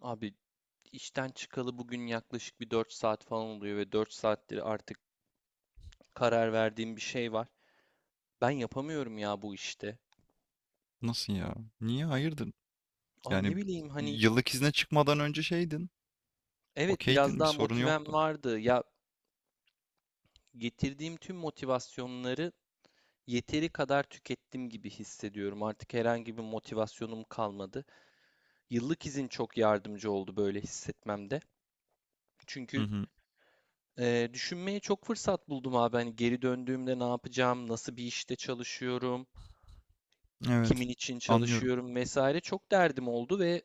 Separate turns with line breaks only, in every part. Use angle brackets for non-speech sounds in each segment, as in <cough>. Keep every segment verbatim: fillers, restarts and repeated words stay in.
Abi işten çıkalı bugün yaklaşık bir dört saat falan oluyor ve dört saattir artık karar verdiğim bir şey var. Ben yapamıyorum ya bu işte.
Nasıl ya? Niye? Hayırdır?
Abi ne
Yani,
bileyim hani.
yıllık izne çıkmadan önce şeydin.
Evet, biraz
Okeydin, bir
daha
sorun
motivem
yoktu.
vardı. Ya getirdiğim tüm motivasyonları yeteri kadar tükettim gibi hissediyorum. Artık herhangi bir motivasyonum kalmadı. Yıllık izin çok yardımcı oldu böyle hissetmemde.
Hı
Çünkü
hı.
e, düşünmeye çok fırsat buldum abi. Hani geri döndüğümde ne yapacağım, nasıl bir işte çalışıyorum, kimin
Evet.
için
Anlıyorum.
çalışıyorum vesaire çok derdim oldu. Ve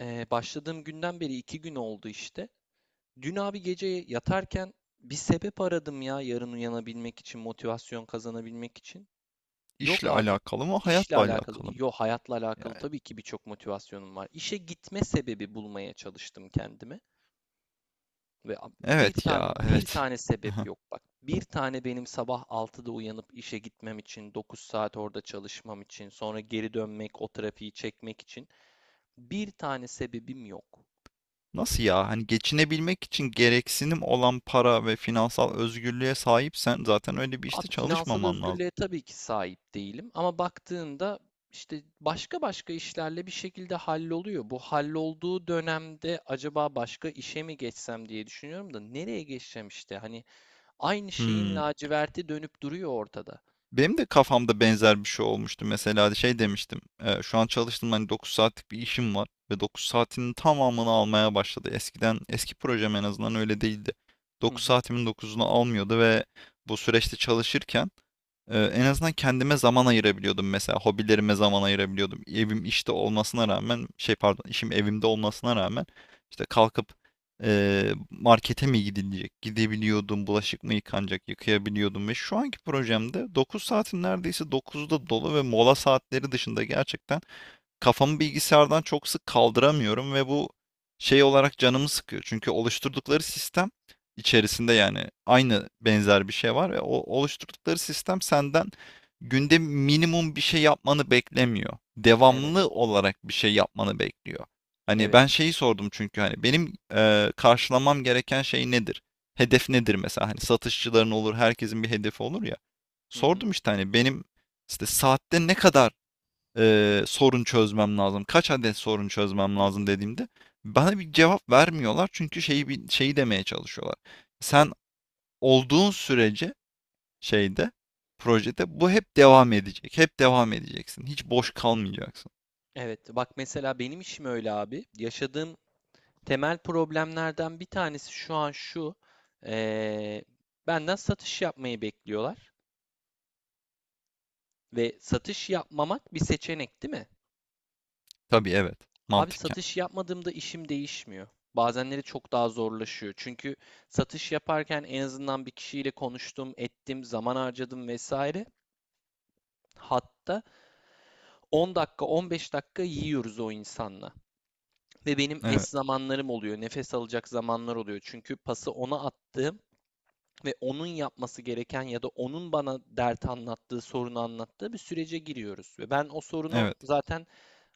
e, başladığım günden beri iki gün oldu işte. Dün abi gece yatarken bir sebep aradım ya, yarın uyanabilmek için, motivasyon kazanabilmek için. Yok
İşle
abi.
alakalı mı,
İşle
hayatla
alakalı,
alakalı mı?
yok hayatla alakalı
Yani,
tabii ki birçok motivasyonum var. İşe gitme sebebi bulmaya çalıştım kendime ve ab- bir
evet
tane
ya,
bir
evet.
tane sebep
Aha.
yok bak. Bir tane benim sabah altıda uyanıp işe gitmem için, dokuz saat orada çalışmam için, sonra geri dönmek, o trafiği çekmek için. Bir tane sebebim yok.
Nasıl ya? Hani geçinebilmek için gereksinim olan para ve finansal özgürlüğe sahipsen zaten öyle bir işte
Abi finansal
çalışmaman lazım.
özgürlüğe tabii ki sahip değilim ama baktığında işte başka başka işlerle bir şekilde halloluyor. Bu hallolduğu dönemde acaba başka işe mi geçsem diye düşünüyorum da nereye geçeceğim işte? Hani aynı şeyin
Hmm.
laciverti dönüp duruyor ortada.
Benim de kafamda benzer bir şey olmuştu. Mesela
Hı
şey
hı,
demiştim. E, şu an çalıştığım hani dokuz saatlik bir işim var ve dokuz saatinin tamamını almaya başladı. Eskiden eski projem en azından öyle değildi.
hı
dokuz
hı.
saatimin dokuzunu almıyordu ve bu süreçte çalışırken ee, en azından kendime zaman ayırabiliyordum mesela. Hobilerime zaman ayırabiliyordum. Evim işte olmasına rağmen şey pardon, işim evimde olmasına rağmen işte kalkıp e, markete mi gidilecek? Gidebiliyordum. Bulaşık mı yıkanacak? Yıkayabiliyordum. Ve şu anki projemde dokuz saatin neredeyse dokuzu da dolu ve mola saatleri dışında gerçekten kafamı bilgisayardan çok sık kaldıramıyorum ve bu şey olarak canımı sıkıyor. Çünkü oluşturdukları sistem içerisinde yani aynı benzer bir şey var ve o oluşturdukları sistem senden günde minimum bir şey yapmanı beklemiyor.
Evet,
Devamlı olarak bir şey yapmanı bekliyor. Hani
evet.
ben şeyi sordum çünkü hani benim eee, karşılamam gereken şey nedir? Hedef nedir mesela? Hani
Hı
satışçıların
hı,
olur, herkesin bir hedefi olur ya.
hı hı.
Sordum işte hani benim işte saatte ne kadar e, sorun çözmem lazım, kaç adet sorun çözmem
Hı.
lazım dediğimde bana bir cevap vermiyorlar çünkü şeyi bi- şeyi demeye çalışıyorlar. Sen olduğun sürece şeyde, projede bu hep devam edecek, hep devam edeceksin, hiç boş kalmayacaksın.
Evet, bak mesela benim işim öyle abi. Yaşadığım temel problemlerden bir tanesi şu an şu. eee, Benden satış yapmayı bekliyorlar. Ve satış yapmamak bir seçenek değil mi?
Tabii, evet,
Abi
mantıken.
satış yapmadığımda işim değişmiyor. Bazenleri çok daha zorlaşıyor. Çünkü satış yaparken en azından bir kişiyle konuştum, ettim, zaman harcadım vesaire. Hatta on dakika, on beş dakika yiyoruz o insanla. Ve benim
Evet,
es zamanlarım oluyor, nefes alacak zamanlar oluyor. Çünkü pası ona attığım ve onun yapması gereken ya da onun bana dert anlattığı, sorunu anlattığı bir sürece giriyoruz. Ve ben o sorunu
evet,
zaten,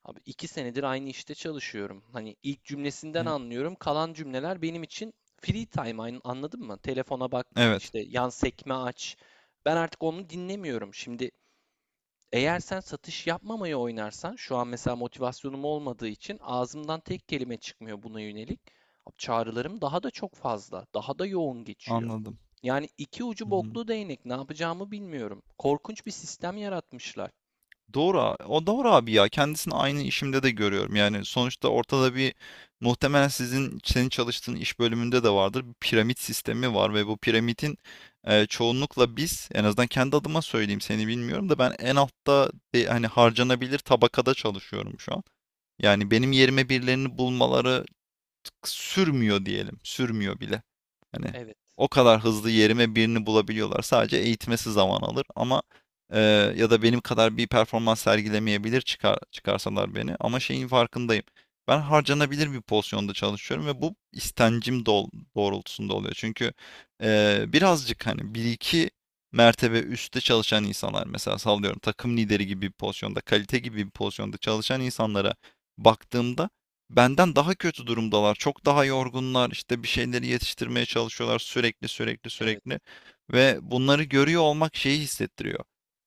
abi, iki senedir aynı işte çalışıyorum. Hani ilk cümlesinden
yani,
anlıyorum. Kalan cümleler benim için free time, anladın mı? Telefona bak,
evet,
işte yan sekme aç. Ben artık onu dinlemiyorum. Şimdi eğer sen satış yapmamayı oynarsan, şu an mesela motivasyonum olmadığı için ağzımdan tek kelime çıkmıyor buna yönelik. Abi çağrılarım daha da çok fazla, daha da yoğun geçiyor.
anladım.
Yani iki ucu
Hı hı.
boklu değnek, ne yapacağımı bilmiyorum. Korkunç bir sistem yaratmışlar.
Doğru, a- o doğru abi ya. Kendisini aynı işimde de görüyorum. Yani sonuçta ortada bir, muhtemelen sizin senin çalıştığın iş bölümünde de vardır. Bir piramit sistemi var ve bu piramitin e, çoğunlukla biz, en azından kendi adıma söyleyeyim seni bilmiyorum da, ben en altta, e, hani harcanabilir tabakada çalışıyorum şu an. Yani benim yerime birilerini bulmaları sürmüyor diyelim. Sürmüyor bile. Hani
Evet,
o kadar hızlı yerime birini bulabiliyorlar. Sadece eğitmesi zaman alır ama e, ya da benim kadar bir performans sergilemeyebilir çıkar, çıkarsalar beni. Ama şeyin farkındayım. Ben harcanabilir bir pozisyonda çalışıyorum ve bu istencim dol- doğrultusunda oluyor. Çünkü e, birazcık hani bir iki mertebe üstte çalışan insanlar, mesela sallıyorum takım lideri gibi bir pozisyonda, kalite gibi bir pozisyonda çalışan insanlara baktığımda, benden daha kötü durumdalar. Çok daha yorgunlar. İşte bir şeyleri yetiştirmeye çalışıyorlar sürekli sürekli
evet,
sürekli. Ve bunları görüyor olmak şeyi hissettiriyor.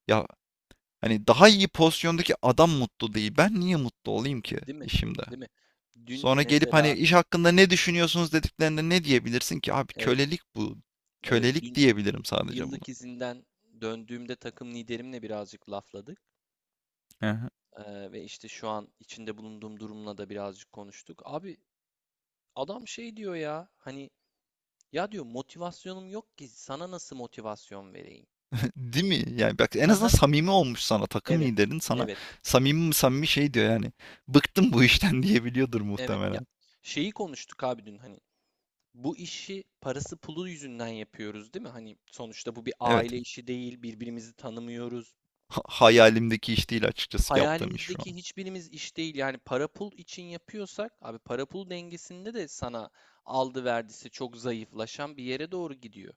Ya hani daha iyi pozisyondaki adam mutlu değil. Ben niye mutlu olayım ki
değil mi?
işimde?
Değil mi? Dün
Sonra gelip hani
mesela,
iş hakkında ne düşünüyorsunuz dediklerinde ne diyebilirsin ki? Abi,
evet,
kölelik bu.
evet,
Kölelik
dün
diyebilirim sadece bunu.
yıllık izinden döndüğümde takım liderimle birazcık lafladık.
Aha.
Ee, ve işte şu an içinde bulunduğum durumla da birazcık konuştuk. Abi adam şey diyor ya, hani ya diyor, motivasyonum yok ki sana nasıl motivasyon vereyim?
<laughs> Değil mi? Yani bak, en
Hı
azından
hı.
samimi olmuş sana. Takım
Evet.
liderin sana
Evet.
samimi samimi şey diyor yani. Bıktım bu işten <laughs> diyebiliyordur
Evet. Ya
muhtemelen.
şeyi konuştuk abi dün, hani bu işi parası pulu yüzünden yapıyoruz değil mi? Hani sonuçta bu bir
Evet.
aile işi değil. Birbirimizi tanımıyoruz.
Ha- Hayalimdeki iş değil açıkçası yaptığım iş şu
Hayalimizdeki
an.
hiçbirimiz iş değil. Yani para pul için yapıyorsak abi, para pul dengesinde de sana aldı verdisi çok zayıflaşan bir yere doğru gidiyor.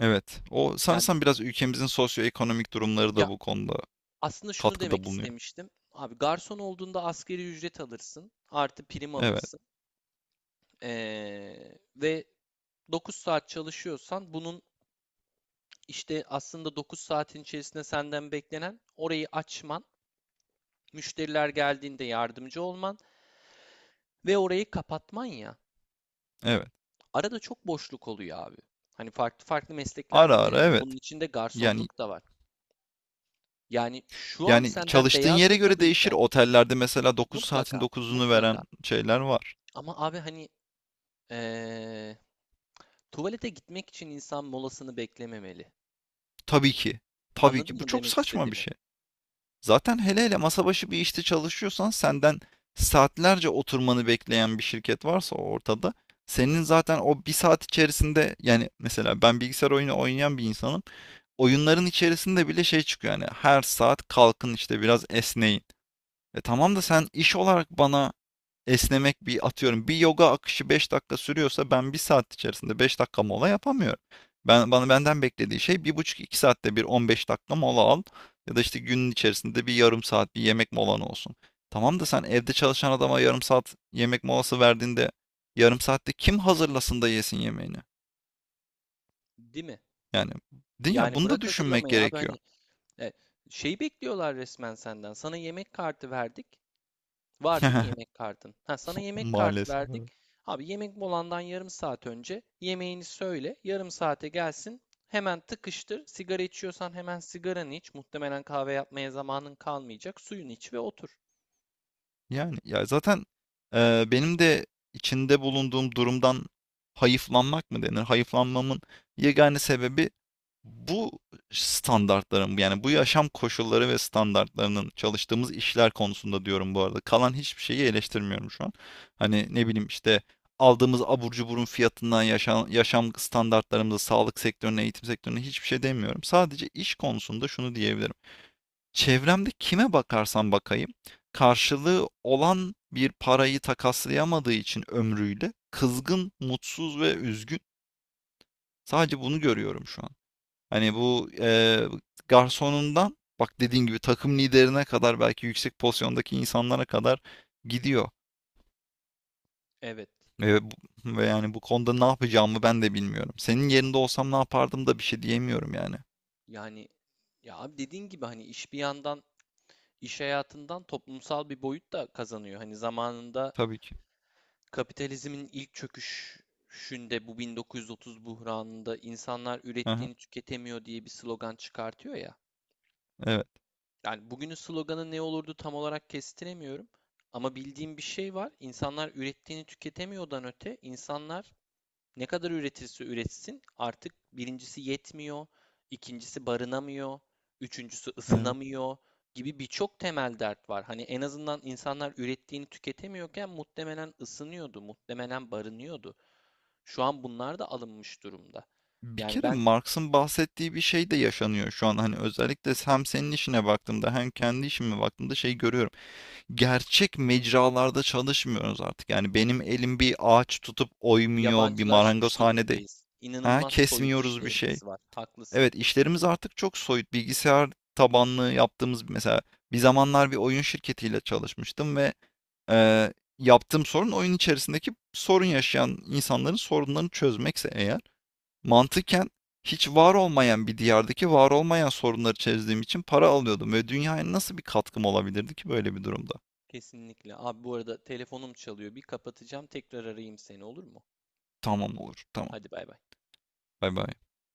Evet. O
Yani
sanırsam biraz ülkemizin sosyoekonomik durumları da bu konuda
aslında şunu demek
katkıda bulunuyor.
istemiştim. Abi garson olduğunda asgari ücret alırsın. Artı prim
Evet.
alırsın. Ee, ve dokuz saat çalışıyorsan bunun işte aslında dokuz saatin içerisinde senden beklenen orayı açman, müşteriler geldiğinde yardımcı olman ve orayı kapatman ya.
Evet.
Arada çok boşluk oluyor abi. Hani farklı farklı meslekler
Ara
de
ara,
denedim. Bunun
evet.
içinde
Yani
garsonluk da var. Yani şu an
yani
senden
çalıştığın
beyaz
yere göre değişir.
yakalıyken
Otellerde mesela dokuz
mutlaka,
saatin dokuzunu veren
mutlaka.
şeyler var.
Ama abi hani ee, tuvalete gitmek için insan molasını beklememeli.
Tabii ki. Tabii
Anladın
ki. Bu
mı
çok
demek
saçma bir
istediğimi?
şey. Zaten hele hele masa başı bir işte çalışıyorsan, senden saatlerce oturmanı bekleyen bir şirket varsa ortada, senin zaten o bir saat içerisinde, yani mesela ben bilgisayar oyunu oynayan bir insanım. Oyunların içerisinde bile şey çıkıyor, yani her saat kalkın işte biraz esneyin. E tamam da sen iş olarak bana esnemek, bir atıyorum, bir yoga akışı beş dakika sürüyorsa, ben bir saat içerisinde beş dakika mola yapamıyorum. Ben bana benden beklediği şey bir buçuk iki saatte bir on beş dakika mola al ya da işte günün içerisinde bir yarım saat bir yemek molan olsun. Tamam da sen evde çalışan adama yarım saat yemek molası verdiğinde, yarım saatte kim hazırlasın da yesin yemeğini?
Değil mi?
Yani değil ya,
Yani
bunu da
bırak
düşünmek
hazırlamayı abi,
gerekiyor.
hani e, şey bekliyorlar resmen senden. Sana yemek kartı verdik. Var değil mi
<laughs>
yemek kartın? Ha, sana yemek kartı
Maalesef,
verdik.
evet.
Abi yemek molandan yarım saat önce yemeğini söyle. Yarım saate gelsin. Hemen tıkıştır. Sigara içiyorsan hemen sigaranı iç. Muhtemelen kahve yapmaya zamanın kalmayacak. Suyunu iç ve otur.
Yani ya zaten eee, benim de içinde bulunduğum durumdan hayıflanmak mı denir? Hayıflanmamın yegane sebebi bu standartların, yani bu yaşam koşulları ve standartlarının, çalıştığımız işler konusunda diyorum bu arada. Kalan hiçbir şeyi eleştirmiyorum şu an. Hani ne bileyim işte aldığımız abur cuburun fiyatından yaşam, yaşam standartlarımıza, sağlık sektörüne, eğitim sektörüne hiçbir şey demiyorum. Sadece iş konusunda şunu diyebilirim. Çevremde kime bakarsam bakayım, karşılığı olan bir parayı takaslayamadığı için ömrüyle kızgın, mutsuz ve üzgün. Sadece bunu görüyorum şu an. Hani bu eee, garsonundan, bak dediğin gibi, takım liderine kadar, belki yüksek pozisyondaki insanlara kadar gidiyor.
Evet.
Ve, bu- Ve yani bu konuda ne yapacağımı ben de bilmiyorum. Senin yerinde olsam ne yapardım da bir şey diyemiyorum yani.
Yani ya abi dediğin gibi, hani iş bir yandan iş hayatından toplumsal bir boyut da kazanıyor. Hani zamanında
Tabii ki.
kapitalizmin ilk çöküşünde, bu bin dokuz yüz otuz buhranında insanlar
Aha,
ürettiğini tüketemiyor diye bir slogan çıkartıyor ya.
evet,
Yani bugünün sloganı ne olurdu tam olarak kestiremiyorum. Ama bildiğim bir şey var. İnsanlar ürettiğini tüketemiyordan öte insanlar ne kadar üretirse üretsin artık birincisi yetmiyor, ikincisi barınamıyor, üçüncüsü
evet.
ısınamıyor gibi birçok temel dert var. Hani en azından insanlar ürettiğini tüketemiyorken muhtemelen ısınıyordu, muhtemelen barınıyordu. Şu an bunlar da alınmış durumda.
Bir
Yani
kere
ben
Marx'ın bahsettiği bir şey de yaşanıyor şu an. Hani özellikle hem senin işine baktığımda hem kendi işime baktığımda şey görüyorum. Gerçek mecralarda çalışmıyoruz artık. Yani benim elim bir ağaç tutup oymuyor, bir
yabancılaşmış
marangozhanede
durumdayız.
ha
İnanılmaz soyut
kesmiyoruz bir şey.
işlerimiz var. Haklısın.
Evet, işlerimiz artık çok soyut. Bilgisayar tabanlı yaptığımız, mesela bir zamanlar bir oyun şirketiyle çalışmıştım ve e, yaptığım sorun, oyun içerisindeki sorun yaşayan insanların sorunlarını çözmekse eğer, mantıken hiç var olmayan bir diyardaki var olmayan sorunları çözdüğüm için para alıyordum ve dünyaya nasıl bir katkım olabilirdi ki böyle bir durumda?
Kesinlikle. Abi bu arada telefonum çalıyor. Bir kapatacağım. Tekrar arayayım seni, olur mu?
Tamam, olur. Tamam.
Hadi bay bay.
Bay bay.